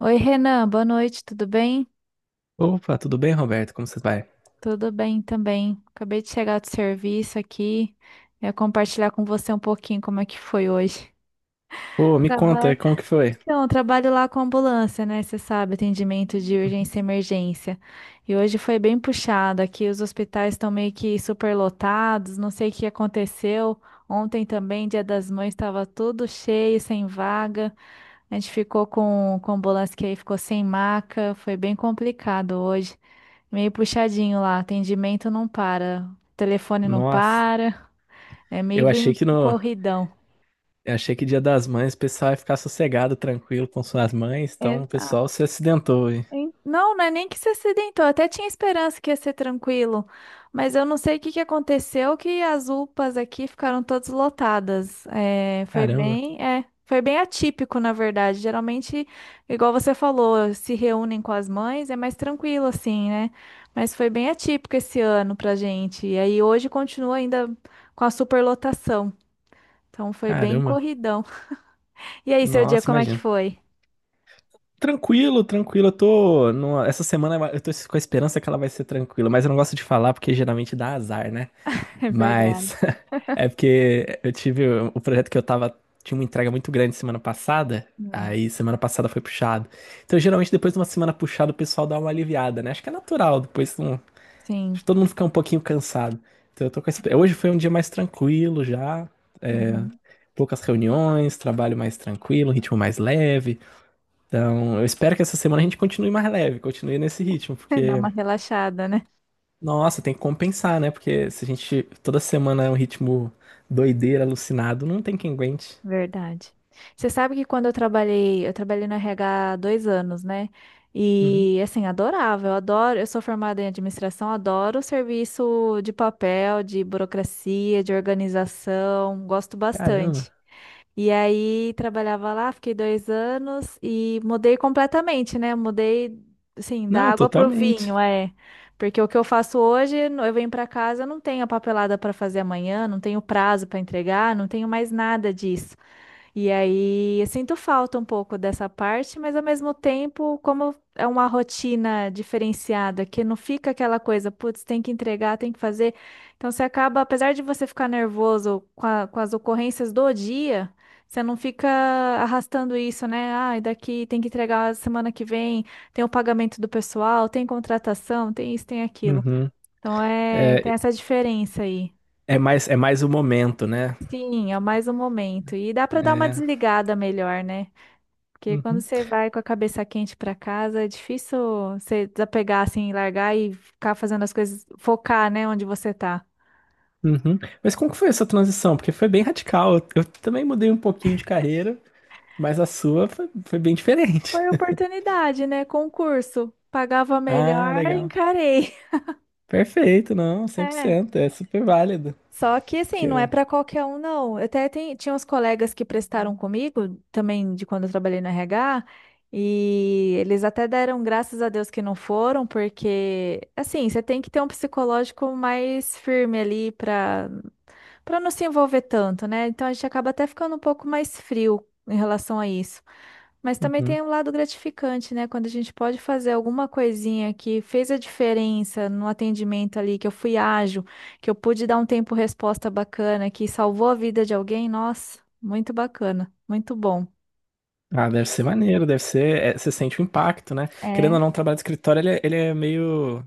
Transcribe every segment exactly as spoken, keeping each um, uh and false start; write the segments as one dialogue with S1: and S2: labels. S1: Oi, Renan, boa noite, tudo bem?
S2: Opa, tudo bem, Roberto? Como você vai?
S1: Tudo bem também. Acabei de chegar do serviço aqui. Eu ia compartilhar com você um pouquinho como é que foi hoje.
S2: Pô, me conta,
S1: Trabalho.
S2: como que foi?
S1: Então, eu trabalho lá com ambulância, né? Você sabe, atendimento de
S2: Uhum.
S1: urgência e emergência. E hoje foi bem puxado. Aqui os hospitais estão meio que superlotados, não sei o que aconteceu. Ontem também, Dia das Mães, estava tudo cheio, sem vaga. A gente ficou com, com ambulância que aí ficou sem maca. Foi bem complicado hoje. Meio puxadinho lá, atendimento não para, telefone não
S2: Nossa,
S1: para, é meio
S2: eu achei
S1: bem
S2: que no,
S1: corridão.
S2: eu achei que Dia das Mães o pessoal ia ficar sossegado, tranquilo com suas mães, então o pessoal
S1: Exato.
S2: se acidentou, hein?
S1: Hein? Não, não é nem que se acidentou. Até tinha esperança que ia ser tranquilo. Mas eu não sei o que que aconteceu, que as U P As aqui ficaram todas lotadas. É, foi
S2: Caramba,
S1: bem, é, foi bem atípico, na verdade. Geralmente, igual você falou, se reúnem com as mães, é mais tranquilo assim, né? Mas foi bem atípico esse ano pra gente. E aí hoje continua ainda com a superlotação. Então foi bem
S2: caramba.
S1: corridão. E aí, seu dia,
S2: Nossa,
S1: como é que
S2: imagina.
S1: foi?
S2: Tranquilo, tranquilo. Eu tô numa- essa semana eu tô com a esperança que ela vai ser tranquila, mas eu não gosto de falar porque geralmente dá azar, né?
S1: É verdade.
S2: Mas é porque eu tive o projeto que eu tava. Tinha uma entrega muito grande semana passada.
S1: Hum,
S2: Aí semana passada foi puxado. Então, geralmente, depois de uma semana puxada, o pessoal dá uma aliviada, né? Acho que é natural, depois não- acho
S1: sim.
S2: que todo mundo fica um pouquinho cansado. Então eu tô com esse... Hoje foi um dia mais tranquilo já.
S1: Uhum.
S2: Poucas reuniões, trabalho mais tranquilo, ritmo mais leve. Então, eu espero que essa semana a gente continue mais leve, continue nesse ritmo,
S1: Dá
S2: porque,
S1: uma relaxada, né?
S2: nossa, tem que compensar, né? Porque se a gente toda semana é um ritmo doideira, alucinado, não tem quem aguente.
S1: Verdade. Você sabe que quando eu trabalhei, eu trabalhei no R H há dois anos, né? E assim, adorava, eu adoro, eu sou formada em administração, adoro o serviço de papel, de burocracia, de organização, gosto
S2: Caramba.
S1: bastante. E aí trabalhava lá, fiquei dois anos e mudei completamente, né? Mudei, assim, da
S2: Não,
S1: água pro
S2: totalmente.
S1: vinho, é. Porque o que eu faço hoje, no- eu venho para casa, eu não tenho a papelada para fazer amanhã, não tenho prazo para entregar, não tenho mais nada disso. E aí eu sinto falta um pouco dessa parte, mas ao mesmo tempo, como é uma rotina diferenciada, que não fica aquela coisa, putz, tem que entregar, tem que fazer. Então você acaba, apesar de você ficar nervoso com a- com as ocorrências do dia, você não fica arrastando isso, né? Ah, e daqui tem que entregar semana que vem, tem o pagamento do pessoal, tem contratação, tem isso, tem aquilo.
S2: Uhum.
S1: Então é, tem
S2: É,
S1: essa diferença aí.
S2: é mais, é mais o momento, né?
S1: Sim, é mais um momento. E dá para dar uma
S2: É.
S1: desligada melhor, né? Porque quando
S2: Uhum.
S1: você vai com a cabeça quente pra casa, é difícil você desapegar assim, largar e ficar fazendo as coisas, focar, né, onde você tá.
S2: Uhum. Mas como que foi essa transição? Porque foi bem radical. Eu, eu também mudei um pouquinho de carreira, mas a sua foi, foi bem diferente.
S1: Foi oportunidade, né? Concurso. Pagava
S2: Ah,
S1: melhor,
S2: legal.
S1: encarei.
S2: Perfeito, não,
S1: É.
S2: cem por cento, é super válido.
S1: Só que
S2: Que,
S1: assim, não é
S2: eu-
S1: pra qualquer um, não. Eu Até tem, tinha uns colegas que prestaram comigo, também de quando eu trabalhei no R H, e eles até deram graças a Deus que não foram, porque assim, você tem que ter um psicológico mais firme ali pra para não se envolver tanto, né? Então a gente acaba até ficando um pouco mais frio em relação a isso. Mas também
S2: uhum.
S1: tem um lado gratificante, né? Quando a gente pode fazer alguma coisinha que fez a diferença no atendimento ali, que eu fui ágil, que eu pude dar um tempo resposta bacana, que salvou a vida de alguém, nossa, muito bacana, muito bom.
S2: Ah, deve ser maneiro, deve ser. É, você sente o impacto, né? Querendo ou
S1: É,
S2: não, o trabalho de escritório ele, é ele é meio.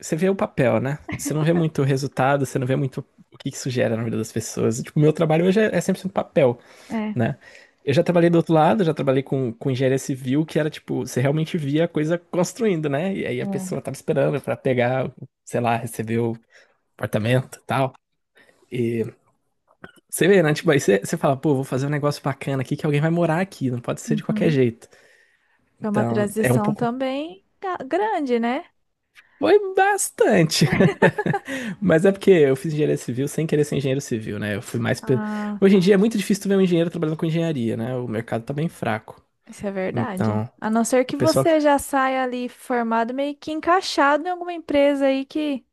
S2: Você vê o papel, né? Você não vê muito o resultado, você não vê muito o que isso gera na vida das pessoas. Tipo, o meu trabalho hoje é é cem por cento papel,
S1: é.
S2: né? Eu já trabalhei do outro lado, já trabalhei com, com engenharia civil, que era tipo, você realmente via a coisa construindo, né? E aí a
S1: Bom.
S2: pessoa tava esperando pra pegar, sei lá, receber o apartamento e tal. E você vê, né? Tipo, aí você, você fala, pô, vou fazer um negócio bacana aqui que alguém vai morar aqui, não pode ser de qualquer
S1: Uhum.
S2: jeito.
S1: Foi uma
S2: Então, é um
S1: transição
S2: pouco.
S1: também ga- grande, né?
S2: Foi bastante. Mas é porque eu fiz engenharia civil sem querer ser engenheiro civil, né? Eu fui mais. Pe-
S1: Ah,
S2: Hoje em
S1: tá.
S2: dia é muito difícil tu ver um engenheiro trabalhando com engenharia, né? O mercado tá bem fraco.
S1: Isso é verdade.
S2: Então,
S1: A não ser
S2: o
S1: que
S2: pessoal. Que-
S1: você já saia ali formado, meio que encaixado em alguma empresa aí que,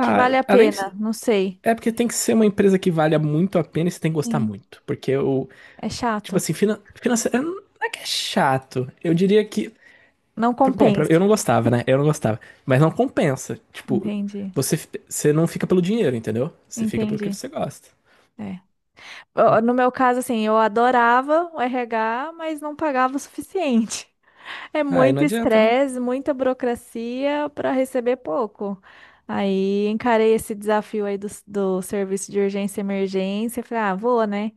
S1: que vale a
S2: além
S1: pena.
S2: de...
S1: Não sei.
S2: É porque tem que ser uma empresa que valha muito a pena e você tem que gostar
S1: Sim,
S2: muito. Porque o.
S1: é
S2: Tipo
S1: chato.
S2: assim, finan... financeiro. Não é que é chato. Eu diria que.
S1: Não
S2: Bom, pra-
S1: compensa.
S2: eu não gostava, né? Eu não gostava. Mas não compensa. Tipo,
S1: Entendi.
S2: você, você não fica pelo dinheiro, entendeu? Você fica pelo que
S1: Entendi.
S2: você gosta.
S1: É. Ó, no meu caso, assim, eu adorava o R H, mas não pagava o suficiente. É
S2: Aí não
S1: muito
S2: adianta, né?
S1: estresse, muita burocracia para receber pouco. Aí encarei esse desafio aí do, do serviço de urgência e emergência. Falei, ah, vou, né?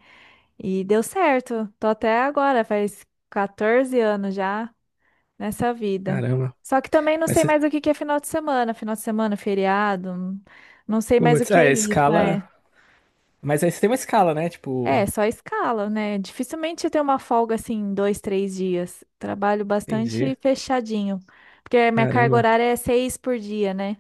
S1: E deu certo. Tô até agora, faz catorze anos já nessa vida.
S2: Caramba.
S1: Só que também não
S2: Mas,
S1: sei
S2: cê-
S1: mais o que que é final de semana, final de semana, feriado, não não sei mais o
S2: putz,
S1: que é
S2: é, a
S1: isso,
S2: escala.
S1: é.
S2: Mas aí você tem uma escala, né? Tipo,
S1: É, só escala, né? Dificilmente eu tenho uma folga assim, dois, três dias. Trabalho
S2: entendi.
S1: bastante fechadinho, porque a minha carga
S2: Caramba.
S1: horária é seis por dia, né?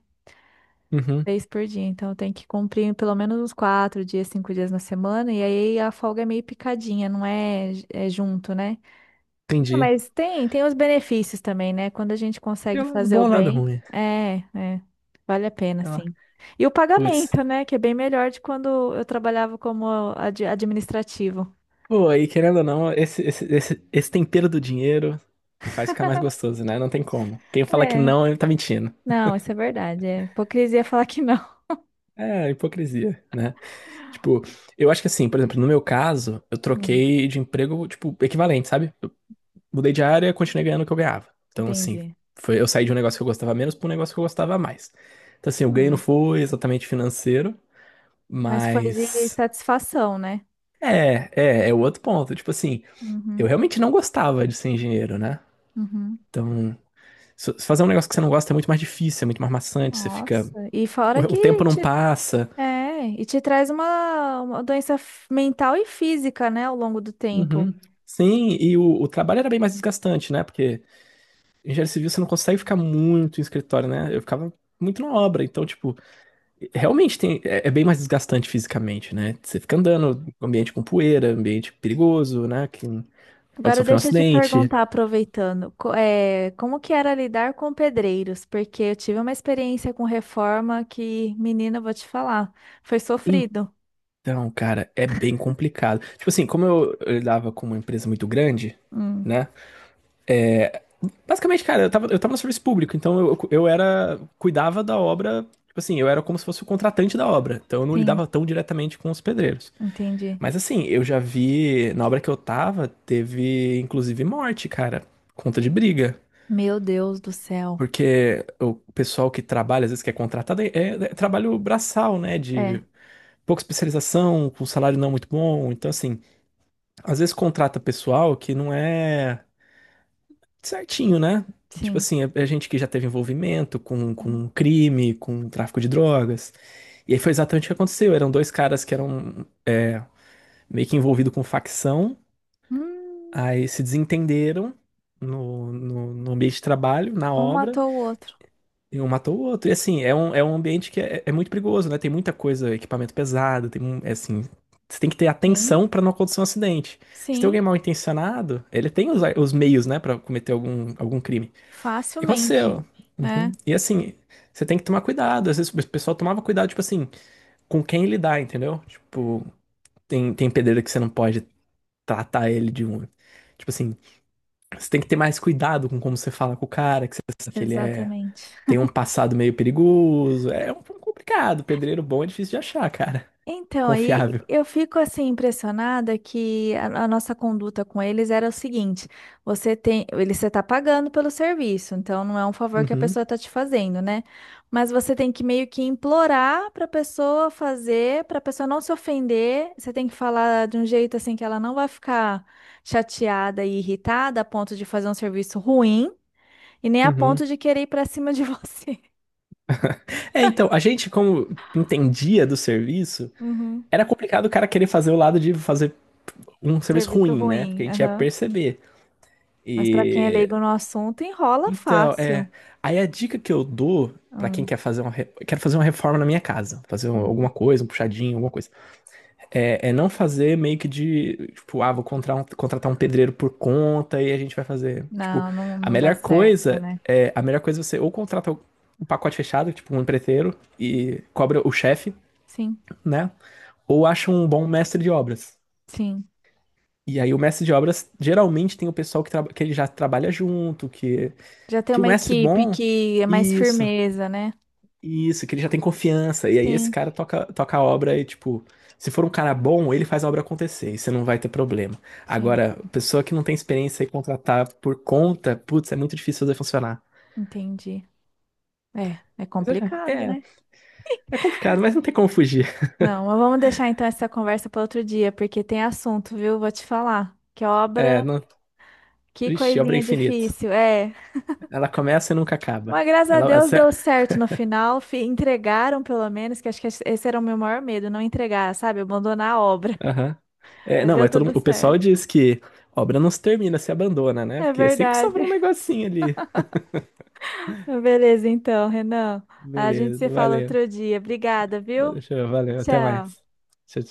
S2: Uhum,
S1: Seis por dia, então eu tenho que cumprir pelo menos uns quatro dias, cinco dias na semana, e aí a folga é meio picadinha, não é, é junto, né? Ah,
S2: entendi.
S1: mas tem, tem os benefícios também, né? Quando a gente
S2: Tem
S1: consegue
S2: o lado
S1: fazer
S2: bom
S1: o
S2: e o lado
S1: bem,
S2: ruim.
S1: é, é, vale a pena,
S2: Sei lá.
S1: sim. E o
S2: Putz.
S1: pagamento, né? Que é bem melhor de quando eu trabalhava como ad- administrativo.
S2: Pô, aí querendo ou não, esse, esse, esse, esse tempero do dinheiro faz ficar mais gostoso, né? Não tem como. Quem fala que
S1: É,
S2: não, ele tá mentindo.
S1: não, isso é verdade. É hipocrisia falar que não.
S2: É, hipocrisia, né? Tipo, eu acho que assim, por exemplo, no meu caso, eu
S1: Hum,
S2: troquei de emprego, tipo, equivalente, sabe? Mudei de área, continuei ganhando o que eu ganhava. Então, assim,
S1: entendi.
S2: foi, eu saí de um negócio que eu gostava menos para um negócio que eu gostava mais. Então, assim, o ganho não
S1: Hum,
S2: foi exatamente financeiro,
S1: mas foi de
S2: mas.
S1: satisfação, né?
S2: É, é, é o outro ponto. Tipo assim, eu
S1: Uhum,
S2: realmente não gostava de ser engenheiro, né?
S1: uhum.
S2: Então, se- se fazer um negócio que você não gosta é muito mais difícil, é muito mais maçante, você fica.
S1: Nossa, e
S2: O,
S1: fora
S2: o
S1: que
S2: tempo não
S1: te,
S2: passa.
S1: é, e te traz uma, uma doença f- mental e física, né, ao longo do tempo.
S2: Uhum. Sim, e o, o trabalho era bem mais desgastante, né? Porque engenheiro civil você não consegue ficar muito em escritório, né? Eu ficava muito na obra, então, tipo, realmente tem, é, é bem mais desgastante fisicamente, né? Você fica andando, ambiente com poeira, ambiente perigoso, né? Que pode
S1: Agora
S2: sofrer um
S1: deixa eu te
S2: acidente.
S1: perguntar, aproveitando, co- eh, como que era lidar com pedreiros? Porque eu tive uma experiência com reforma que, menina, eu vou te falar, foi sofrido.
S2: Então, cara, é bem complicado. Tipo assim, como eu, eu lidava com uma empresa muito grande,
S1: Hum,
S2: né? Basicamente, cara, eu tava, eu tava no serviço público, então eu, eu era, cuidava da obra, tipo assim, eu era como se fosse o contratante da obra, então eu não
S1: sim,
S2: lidava tão diretamente com os pedreiros.
S1: entendi.
S2: Mas assim, eu já vi, na obra que eu tava, teve inclusive morte, cara, conta de briga.
S1: Meu Deus do céu.
S2: Porque o pessoal que trabalha, às vezes, que é contratado, é, é- é trabalho braçal, né?
S1: É,
S2: De pouca especialização, com salário não muito bom. Então, assim, às vezes contrata pessoal que não é certinho, né? Tipo
S1: sim.
S2: assim, é, é gente que já teve envolvimento com,
S1: Sim.
S2: com crime, com tráfico de drogas. E aí foi exatamente o que aconteceu. Eram dois caras que eram é, meio que envolvidos com facção,
S1: Hum,
S2: aí se desentenderam no, no, no ambiente de trabalho, na
S1: um
S2: obra.
S1: matou o outro.
S2: E um matou o outro. E assim, é um, é um ambiente que é, é muito perigoso, né? Tem muita coisa, equipamento pesado, tem um, é assim, você tem que ter
S1: Sim,
S2: atenção pra não acontecer um acidente. Se tem
S1: sim,
S2: alguém mal intencionado, ele tem os, os meios, né, pra cometer algum, algum crime. E
S1: facilmente.
S2: aconteceu.
S1: É,
S2: Uhum. E assim, você tem que tomar cuidado. Às vezes o pessoal tomava cuidado, tipo assim, com quem lidar, entendeu? Tipo, tem, tem pedreiro que você não pode tratar ele de um. Tipo assim, você tem que ter mais cuidado com como você fala com o cara, que você sabe que ele é
S1: exatamente.
S2: tem um passado meio perigoso. É um pouco complicado. Pedreiro bom é difícil de achar, cara.
S1: Então, aí
S2: Confiável.
S1: eu fico assim impressionada que a, a nossa conduta com eles era o seguinte: você tem, ele você está pagando pelo serviço, então não é um favor que a
S2: Uhum,
S1: pessoa está te fazendo, né? Mas você tem que meio que implorar para a pessoa fazer, para a pessoa não se ofender. Você tem que falar de um jeito assim que ela não vai ficar chateada e irritada a ponto de fazer um serviço ruim e nem a
S2: uhum.
S1: ponto de querer ir para cima de você.
S2: É, então, a gente, como entendia do serviço,
S1: Uhum.
S2: era complicado o cara querer fazer o lado de fazer um serviço
S1: Serviço
S2: ruim, né? Porque
S1: ruim.
S2: a gente ia
S1: Aham.
S2: perceber.
S1: Mas para quem é
S2: E.
S1: leigo no assunto, enrola
S2: Então, é.
S1: fácil.
S2: Aí a dica que eu dou pra quem
S1: Hum,
S2: quer fazer uma. Re- Quero fazer uma reforma na minha casa. Fazer um- alguma
S1: uhum.
S2: coisa, um puxadinho, alguma coisa. É, é não fazer meio que de, tipo, ah, vou contratar um, contratar um pedreiro por conta e a gente vai fazer. Tipo,
S1: Não, não,
S2: a
S1: não dá
S2: melhor
S1: certo,
S2: coisa
S1: né?
S2: é, a melhor coisa é você ou contrata um pacote fechado, tipo um empreiteiro, e cobra o chefe,
S1: Sim,
S2: né? Ou acha um bom mestre de obras.
S1: sim.
S2: E aí o mestre de obras geralmente tem o pessoal que, traba- que ele já trabalha junto, que,
S1: Já tem
S2: que o
S1: uma
S2: mestre
S1: equipe
S2: bom.
S1: que é mais
S2: Isso.
S1: firmeza, né?
S2: Isso, que ele já tem confiança. E aí esse
S1: Sim,
S2: cara toca, toca a obra e, tipo, se for um cara bom, ele faz a obra acontecer e você não vai ter problema.
S1: sim,
S2: Agora, pessoa que não tem experiência e contratar por conta, putz, é muito difícil fazer funcionar.
S1: entendi. É, é
S2: Mas eu já-
S1: complicado,
S2: é,
S1: né?
S2: é complicado, mas não tem como fugir.
S1: Não, mas vamos deixar então essa conversa para outro dia, porque tem assunto, viu? Vou te falar. Que
S2: É,
S1: obra,
S2: não,
S1: que
S2: vixe, obra é
S1: coisinha
S2: infinita.
S1: difícil. É.
S2: Ela começa e nunca acaba.
S1: Mas graças a
S2: Ela,
S1: Deus
S2: essa-
S1: deu certo no final. fi- Entregaram, pelo menos, que acho que esse era o meu maior medo, não entregar, sabe? Abandonar a obra.
S2: aham. É,
S1: Mas
S2: não,
S1: deu
S2: mas todo,
S1: tudo
S2: mundo- o pessoal
S1: certo.
S2: diz que obra não se termina, se abandona, né?
S1: É
S2: Porque sempre sobra um
S1: verdade.
S2: negocinho ali.
S1: Beleza, então, Renan. A gente se
S2: Beleza,
S1: fala
S2: valeu.
S1: outro dia. Obrigada, viu?
S2: Valeu, valeu, até mais.
S1: Tchau.
S2: Tchau,